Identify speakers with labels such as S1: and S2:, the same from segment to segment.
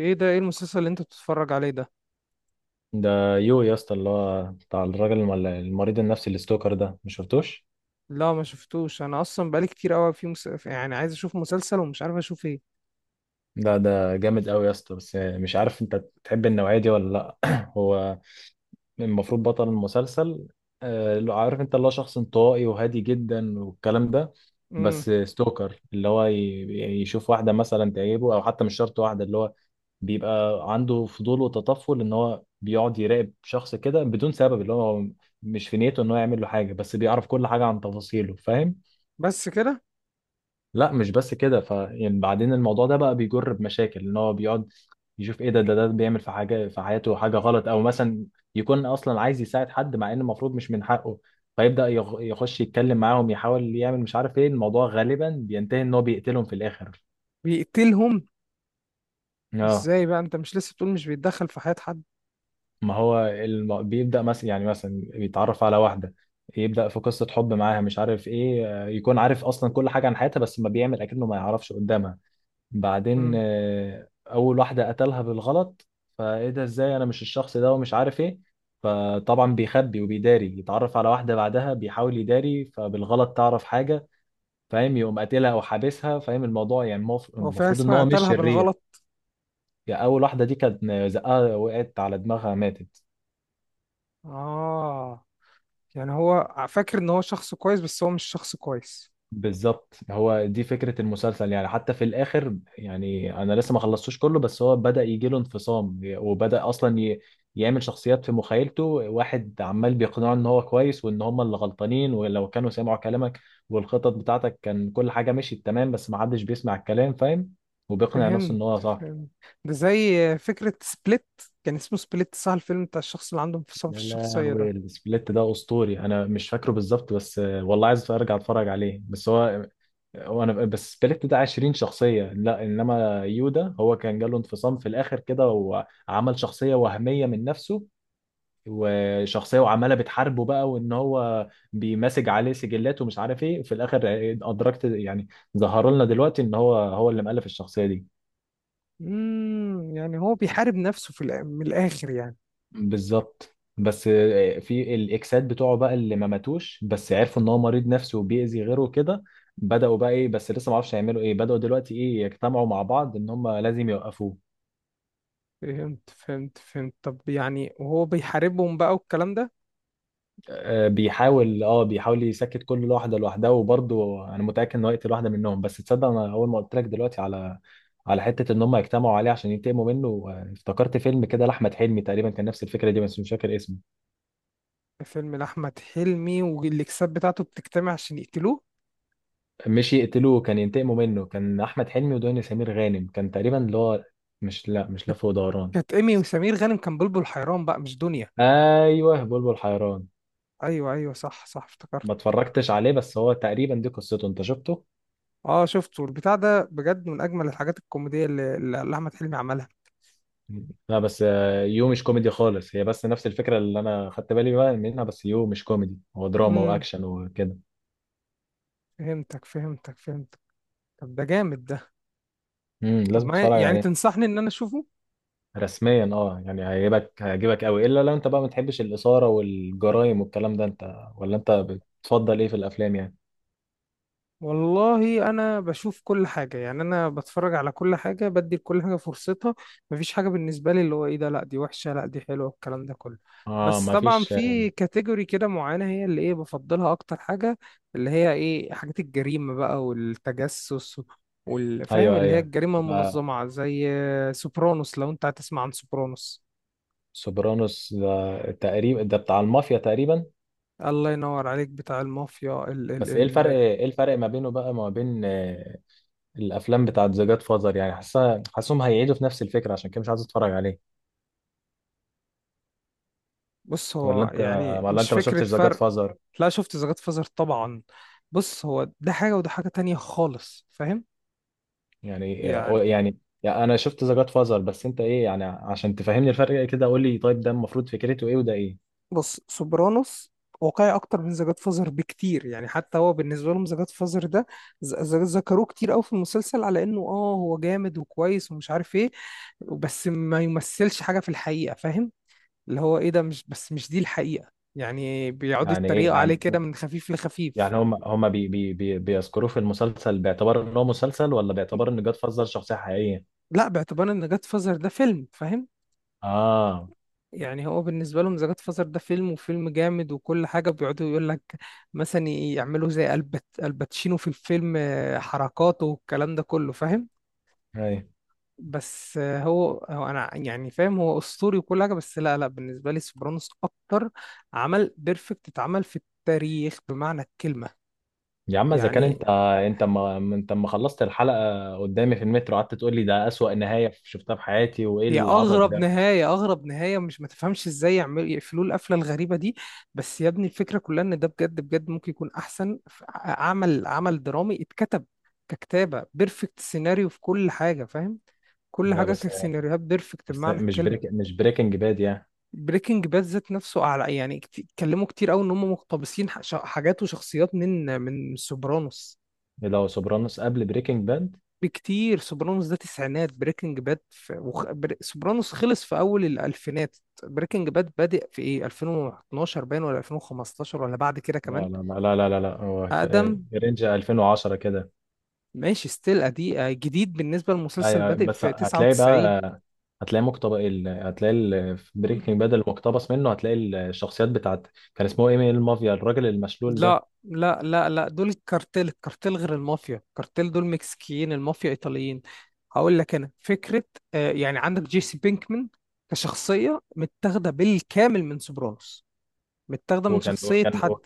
S1: ايه ده، ايه المسلسل اللي انت بتتفرج عليه ده؟
S2: ده يو يا اسطى اللي هو بتاع الراجل المريض النفسي اللي ستوكر ده، مش شفتوش؟
S1: لا، ما شفتوش. انا اصلا بقالي كتير قوي في يعني عايز اشوف مسلسل ومش عارف اشوف ايه.
S2: ده جامد قوي يا اسطى، بس مش عارف انت تحب النوعيه دي ولا لا. هو المفروض بطل المسلسل، اللي هو عارف، انت اللي هو شخص انطوائي وهادي جدا والكلام ده.
S1: امم.
S2: بس ستوكر، اللي هو يشوف واحده مثلا تعجبه، او حتى مش شرط واحده. اللي هو بيبقى عنده فضول وتطفل، ان هو بيقعد يراقب شخص كده بدون سبب. اللي هو مش في نيته ان هو يعمل له حاجه، بس بيعرف كل حاجه عن تفاصيله، فاهم؟
S1: بس كده؟
S2: لا مش بس كده، ف يعني بعدين الموضوع ده بقى بيجر بمشاكل، ان هو بيقعد يشوف ايه ده، ده بيعمل في حاجه في حياته حاجه غلط، او مثلا يكون اصلا عايز يساعد حد مع ان المفروض مش من حقه. فيبدا يخش يتكلم معاهم، يحاول يعمل مش عارف ايه. الموضوع غالبا بينتهي ان هو بيقتلهم في الاخر.
S1: بيقتلهم؟
S2: اه،
S1: ازاي بقى، انت مش لسه بتقول مش بيتدخل في حياة حد؟
S2: ما هو بيبدا مثلا، يعني مثلا بيتعرف على واحده، يبدا في قصه حب معاها مش عارف ايه، يكون عارف اصلا كل حاجه عن حياتها، بس ما بيعمل، اكنه ما يعرفش قدامها. بعدين
S1: امم.
S2: اول واحده قتلها بالغلط. فايه ده، ازاي، انا مش الشخص ده، ومش عارف ايه. فطبعا بيخبي وبيداري، يتعرف على واحده بعدها بيحاول يداري، فبالغلط تعرف حاجه، فاهم؟ يقوم قاتلها او حابسها. فاهم الموضوع؟ يعني
S1: هو في حاجة
S2: المفروض ان
S1: اسمها
S2: هو مش
S1: قتلها
S2: شرير.
S1: بالغلط؟
S2: يعني اول واحده دي كانت زقها، وقعت على دماغها، ماتت.
S1: اه. يعني هو فاكر ان هو شخص كويس بس هو مش شخص كويس؟
S2: بالظبط، هو دي فكرة المسلسل. يعني حتى في الآخر، يعني أنا لسه ما خلصتوش كله، بس هو بدأ يجيله انفصام، وبدأ أصلا يعمل شخصيات في مخيلته. واحد عمال بيقنعه إن هو كويس، وإن هم اللي غلطانين، ولو كانوا سمعوا كلامك والخطط بتاعتك كان كل حاجة مشيت تمام، بس ما حدش بيسمع الكلام، فاهم؟ وبيقنع نفسه
S1: فهمت.
S2: إن هو صح.
S1: فهمت. ده زي فكرة سبليت. كان اسمه سبليت صح؟ الفيلم بتاع الشخص اللي عنده انفصام في
S2: يا
S1: الشخصية
S2: لهوي،
S1: ده.
S2: السبليت ده أسطوري. أنا مش فاكره بالظبط، بس والله عايز أرجع أتفرج عليه، بس هو وانا، بس سبليت ده 20 شخصية، لا انما يودا هو كان جاله انفصام في الاخر كده، وعمل شخصية وهمية من نفسه، وشخصية، وعمالة بتحاربه بقى، وان هو بيمسج عليه سجلات ومش عارف ايه. في الاخر ادركت يعني، ظهر لنا دلوقتي ان هو هو اللي مؤلف الشخصية دي.
S1: امم، يعني هو بيحارب نفسه في من الآخر يعني.
S2: بالظبط، بس في الاكسات بتوعه بقى اللي ما ماتوش، بس عرفوا ان هو مريض نفسي وبيأذي غيره كده، بدأوا بقى ايه، بس لسه ما اعرفش هيعملوا ايه، بدأوا دلوقتي ايه، يجتمعوا مع بعض، ان هم لازم يوقفوه.
S1: فهمت فهمت فهمت. طب يعني وهو بيحاربهم بقى والكلام ده.
S2: بيحاول، اه بيحاول يسكت كل واحده لوحدها، وبرضه انا متاكد انه هيقتل واحده منهم. بس تصدق، انا اول ما قلت لك دلوقتي على، على حته ان هم يجتمعوا عليه عشان ينتقموا منه، افتكرت فيلم كده لاحمد حلمي تقريبا كان نفس الفكره دي، بس مش فاكر اسمه.
S1: فيلم لأحمد حلمي والإكسات بتاعته بتجتمع عشان يقتلوه؟
S2: مش يقتلوه، كان ينتقموا منه. كان احمد حلمي ودنيا سمير غانم، كان تقريبا اللي هو، مش، لا مش لف ودوران.
S1: كانت إيمي وسمير غانم، كان بلبل حيران بقى، مش دنيا.
S2: ايوه بلبل حيران.
S1: أيوه أيوه، صح صح، افتكرت.
S2: ما اتفرجتش عليه، بس هو تقريبا دي قصته، انت شفته؟
S1: أه شفته، البتاع ده بجد من أجمل الحاجات الكوميدية اللي أحمد حلمي عملها.
S2: لا بس يو مش كوميدي خالص، هي بس نفس الفكرة اللي أنا خدت بالي بقى منها، بس يو مش كوميدي، هو دراما
S1: امم.
S2: وأكشن وكده.
S1: فهمتك فهمتك فهمتك. طب ده جامد ده.
S2: امم،
S1: طب
S2: لازم
S1: ما
S2: تتفرج
S1: يعني
S2: عليه.
S1: تنصحني إن أنا أشوفه؟
S2: رسميا اه، يعني هيعجبك، هيعجبك قوي، إلا لو أنت بقى ما بتحبش الإثارة والجرايم والكلام ده. أنت ولا أنت بتفضل إيه في الأفلام يعني؟
S1: والله انا بشوف كل حاجه، يعني انا بتفرج على كل حاجه، بدي لكل حاجه فرصتها. مفيش حاجه بالنسبه لي اللي هو ايه ده، لا دي وحشه، لا دي حلوه، الكلام ده كله.
S2: اه
S1: بس
S2: ما
S1: طبعا
S2: فيش.
S1: في كاتيجوري كده معينه هي اللي ايه بفضلها اكتر حاجه. اللي هي ايه، حاجات الجريمه بقى والتجسس والفاهم،
S2: أيوه
S1: اللي هي
S2: أيوه،
S1: الجريمه
S2: يبقى
S1: المنظمه زي سوبرانوس. لو انت هتسمع عن سوبرانوس.
S2: سوبرانوس ده تقريبا ده بتاع المافيا تقريبا.
S1: الله ينور عليك، بتاع المافيا.
S2: بس إيه الفرق، إيه الفرق ما بينه بقى ما بين الافلام بتاعت ذا جاد فازر؟ يعني حاسه، حاسسهم هيعيدوا في نفس الفكره، عشان كده مش عايز اتفرج عليه.
S1: بص،
S2: ولا
S1: هو
S2: انت،
S1: يعني
S2: ولا
S1: مش
S2: انت ما
S1: فكرة
S2: شفتش ذا جاد
S1: فرق.
S2: فازر؟
S1: لا، شفت ذا جاد فازر طبعا. بص، هو ده حاجة وده حاجة تانية خالص، فاهم؟
S2: يعني،
S1: يعني.
S2: يعني، يعني انا شفت ذا جاد فازر، بس انت ايه يعني، عشان تفهمني الفرق كده، قول لي طيب ده المفروض فكرته ايه وده ايه.
S1: بص سوبرانوس واقعي اكتر من ذا جاد فازر بكتير، يعني حتى هو بالنسبة لهم ذا جاد فازر ده ذكروه كتير قوي في المسلسل على انه اه هو جامد وكويس ومش عارف ايه، بس ما يمثلش حاجة في الحقيقة، فاهم؟ اللي هو ايه ده، مش بس مش دي الحقيقة، يعني بيقعدوا
S2: يعني ايه
S1: يتريقوا عليه
S2: يعني،
S1: كده من خفيف لخفيف.
S2: يعني هم، هم بي بي بي بيذكروه في المسلسل باعتبار ان هو مسلسل، ولا باعتبار ان جاد فازر شخصيه حقيقيه؟
S1: لا، باعتبار ان جاد فازر ده فيلم، فاهم؟
S2: اه.
S1: يعني هو بالنسبة لهم زكاة فصل ده فيلم وفيلم جامد وكل حاجة، بيقعدوا يقول لك مثلا يعملوا زي البت الباتشينو في الفيلم آه، حركاته والكلام ده كله، فاهم؟
S2: ايوه.
S1: بس آه، هو انا يعني فاهم هو اسطوري وكل حاجة، بس لا لا، بالنسبة لي سوبرانوس اكتر عمل بيرفكت اتعمل في التاريخ بمعنى الكلمة.
S2: يا عم، اذا كان
S1: يعني.
S2: انت، انت ما خلصت الحلقه، قدامي في المترو قعدت تقول لي ده اسوأ نهايه شفتها في حياتي وايه
S1: هي
S2: العبط
S1: اغرب
S2: ده.
S1: نهايه، اغرب نهايه، مش ما تفهمش ازاي يعملوا يقفلوا القفله الغريبه دي، بس يا ابني الفكره كلها ان ده بجد بجد ممكن يكون احسن عمل درامي اتكتب، ككتابه بيرفكت، سيناريو في كل حاجه، فاهم؟ كل
S2: لا
S1: حاجه
S2: بس
S1: كسيناريوهات بيرفكت
S2: بس
S1: بمعنى
S2: مش، بريك
S1: الكلمه.
S2: مش بريكنج باد يعني.
S1: بريكنج باد ذات نفسه، على يعني اتكلموا كتير قوي ان هم مقتبسين حاجات وشخصيات من سوبرانوس.
S2: إيه ده، هو سوبرانوس قبل بريكنج باد؟
S1: بكتير، سوبرانوس ده تسعينات، بريكنج باد في سوبرانوس خلص في اول الالفينات. بريكنج باد بادئ في ايه، 2012 باين، ولا 2015، ولا بعد كده كمان؟
S2: لا لا لا لا لا لا لا، هو في
S1: اقدم،
S2: في رينج 2010 كده.
S1: ماشي ستيل ادي آه، جديد بالنسبه للمسلسل،
S2: ايوه أيوة،
S1: بادئ
S2: بس
S1: في
S2: هتلاقي
S1: 99.
S2: بقى، هتلاقي مقتبس. هتلاقي في بريكنج باد المقتبس منه، هتلاقي الشخصيات بتاعت، كان اسمه ايه، من المافيا الراجل المشلول ده.
S1: لا لا لا لا، دول الكارتيل، الكارتيل غير المافيا، الكارتيل دول مكسيكيين، المافيا ايطاليين. هقول لك انا فكره. آه، يعني عندك جيسي بينكمان كشخصيه متاخده بالكامل من سوبرانوس، متاخده من
S2: وكان
S1: شخصيه
S2: وكان
S1: حد.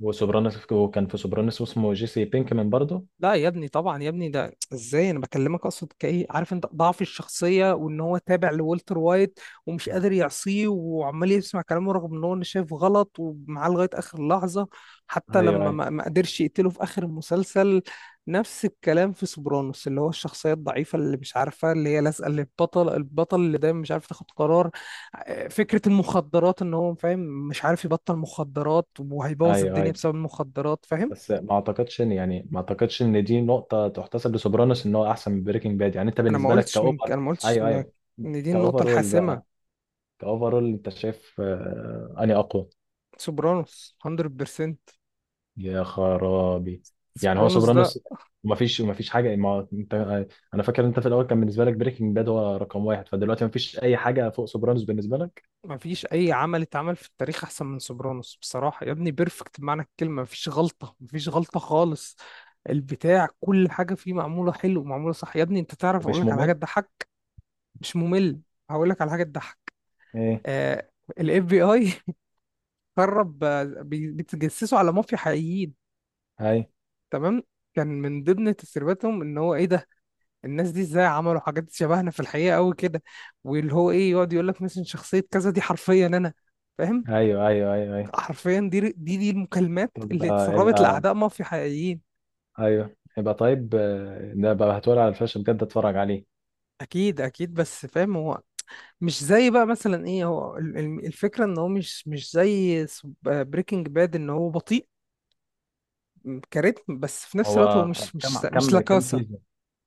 S2: وسوبرانوس، وكان في سوبرانوس اسمه جيسي بينكمان برضه.
S1: لا يا ابني طبعا يا ابني، ده ازاي انا بكلمك، اقصد كايه عارف انت ضعف الشخصيه، وان هو تابع لولتر وايت ومش قادر يعصيه وعمال يسمع كلامه رغم ان هو انا شايف غلط، ومعاه لغايه اخر لحظه، حتى
S2: ايوه
S1: لما
S2: ايوه
S1: ما قدرش يقتله في اخر المسلسل. نفس الكلام في سوبرانوس، اللي هو الشخصيه الضعيفه اللي مش عارفه، اللي هي لازقه للبطل، البطل اللي دايما مش عارف تاخد قرار. آه، فكره المخدرات ان هو فاهم، مش عارف يبطل مخدرات وهيبوظ
S2: ايوه
S1: الدنيا
S2: ايوه.
S1: بسبب المخدرات، فاهم؟
S2: بس ما اعتقدش ان، يعني ما اعتقدش ان دي نقطه تحتسب لسوبرانوس ان هو احسن من بريكنج باد. يعني انت بالنسبه لك كاوفر؟
S1: انا ما قلتش
S2: ايوه
S1: ان
S2: ايوه.
S1: ان دي النقطه
S2: كاوفرول
S1: الحاسمه.
S2: بقى. كاوفرول انت شايف اني اقوى؟
S1: سوبرانوس، 100%.
S2: يا خرابي. يعني هو
S1: سوبرانوس ده،
S2: سوبرانوس ما فيش، ما فيش حاجه، ما انت انا فاكر انت في الاول كان بالنسبه لك بريكنج باد هو رقم واحد، فدلوقتي ما فيش اي حاجه فوق سوبرانوس بالنسبه لك.
S1: ما فيش اي عمل اتعمل في التاريخ احسن من سوبرانوس بصراحه يا ابني، بيرفكت بمعنى الكلمه، ما فيش غلطه، ما فيش غلطه خالص، البتاع كل حاجه فيه معموله حلو، معموله صح يا ابني، انت تعرف اقول
S2: ومش
S1: لك على حاجه
S2: ممل.
S1: تضحك؟ مش ممل. هقول لك على حاجه تضحك.
S2: ايه؟
S1: آه، الاف بي اي قرب، آه، بيتجسسوا على مافيا حقيقيين.
S2: هاي.
S1: تمام، كان من ضمن تسريباتهم ان هو ايه ده، الناس دي ازاي عملوا حاجات شبهنا في الحقيقة قوي كده، واللي هو ايه، يقعد يقول لك مثلا شخصية كذا دي حرفيا انا، فاهم؟
S2: ايوه ايوه ايوه ايوه.
S1: حرفيا دي المكالمات
S2: طب
S1: اللي
S2: ده
S1: اتسربت
S2: يبقى،
S1: لأعداء مافيا حقيقيين.
S2: ايوه يبقى طيب، ده بقى هتقول على الفلاش، بجد اتفرج عليه.
S1: اكيد اكيد، بس فاهم، هو مش زي بقى مثلا ايه، هو الفكرة ان هو مش زي بريكنج باد ان هو بطيء كريتم، بس في نفس الوقت هو
S2: هو
S1: مش مش
S2: كم
S1: مش
S2: كم كم
S1: لاكاسا.
S2: سيزون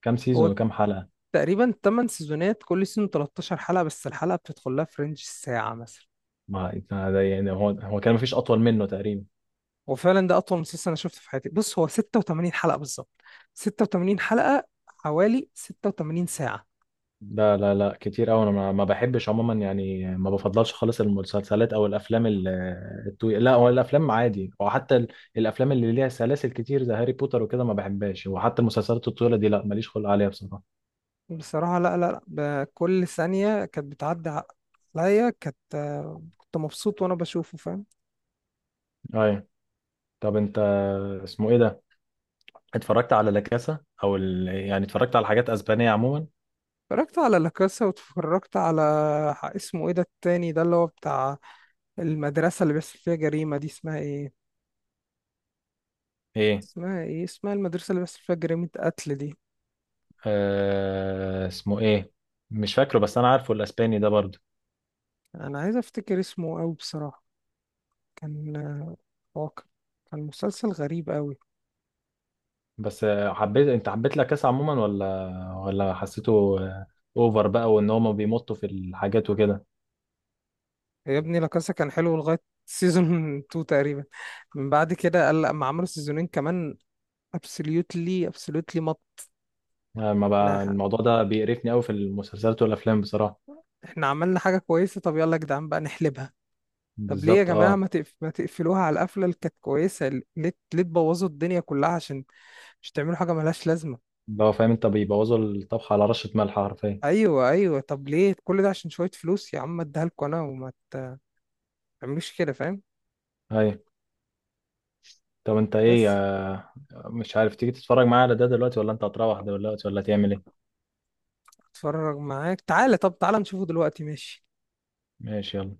S2: كم
S1: هو
S2: سيزون وكم حلقة؟
S1: تقريبا 8 سيزونات، كل سيزون 13 حلقة، بس الحلقة بتدخل لها في رينج الساعة مثلا.
S2: ما ده يعني، هو هو كان مفيش اطول منه تقريبا.
S1: وفعلا ده اطول مسلسل انا شفته في حياتي، بص هو 86 حلقة بالظبط، 86 حلقة حوالي 86 ساعة.
S2: لا لا لا، كتير قوي. انا ما بحبش عموما، يعني ما بفضلش خالص المسلسلات او الافلام الطويله. لا هو الافلام عادي، وحتى الافلام اللي ليها سلاسل كتير زي هاري بوتر وكده ما بحبهاش، وحتى المسلسلات الطويله دي لا، ماليش خلق عليها بصراحه.
S1: بصراحة لا لا لا، بكل ثانية كانت بتعدي عليا، كانت آه، كنت مبسوط وانا بشوفه، فاهم؟
S2: ايوه. طب انت، اسمه ايه ده، اتفرجت على لاكاسا او يعني اتفرجت على حاجات اسبانيه عموما؟
S1: اتفرجت على لاكاسا، واتفرجت على اسمه ايه ده التاني ده، اللي هو بتاع المدرسة اللي بيحصل فيها جريمة دي، اسمها ايه؟
S2: ايه؟
S1: اسمها ايه، اسمها المدرسة اللي بيحصل فيها جريمة قتل دي؟
S2: اسمه ايه، مش فاكره، بس انا عارفه الاسباني ده برضه.
S1: انا عايز افتكر اسمه اوي بصراحة، كان آه، واقع، كان مسلسل غريب اوي.
S2: بس حبيت، انت حبيت لاكاسا عموما، ولا ولا حسيته اوفر بقى، وان هما بيمطوا في الحاجات وكده؟
S1: يا ابني لاكاسا كان حلو لغاية سيزون 2 تقريبا، من بعد كده قال لما عملوا سيزونين كمان، ابسوليوتلي مط.
S2: ما بقى
S1: احنا
S2: الموضوع ده بيقرفني قوي في المسلسلات والافلام بصراحه.
S1: احنا عملنا حاجة كويسة، طب يلا يا جدعان بقى نحلبها. طب ليه يا
S2: بالظبط
S1: جماعة
S2: اه.
S1: ما تقفلوها على القفلة اللي كانت كويسة؟ ليه؟ ليه تبوظوا الدنيا كلها عشان مش تعملوا حاجة ملهاش لازمة؟
S2: اللي هو، فاهم انت، بيبوظوا الطبخ على رشه ملح حرفيا.
S1: ايوه ايوه، طب ليه كل ده عشان شوية فلوس يا عم؟ اديها لكم انا وما تعملوش كده، فاهم؟
S2: ايوه. طب انت ايه
S1: بس
S2: مش عارف تيجي تتفرج معايا على ده دلوقتي، ولا انت هتروح دلوقتي، ولا تعمل ايه؟
S1: اتفرج معاك، تعالى، طب تعالى نشوفه دلوقتي، ماشي.
S2: ماشي، يلا.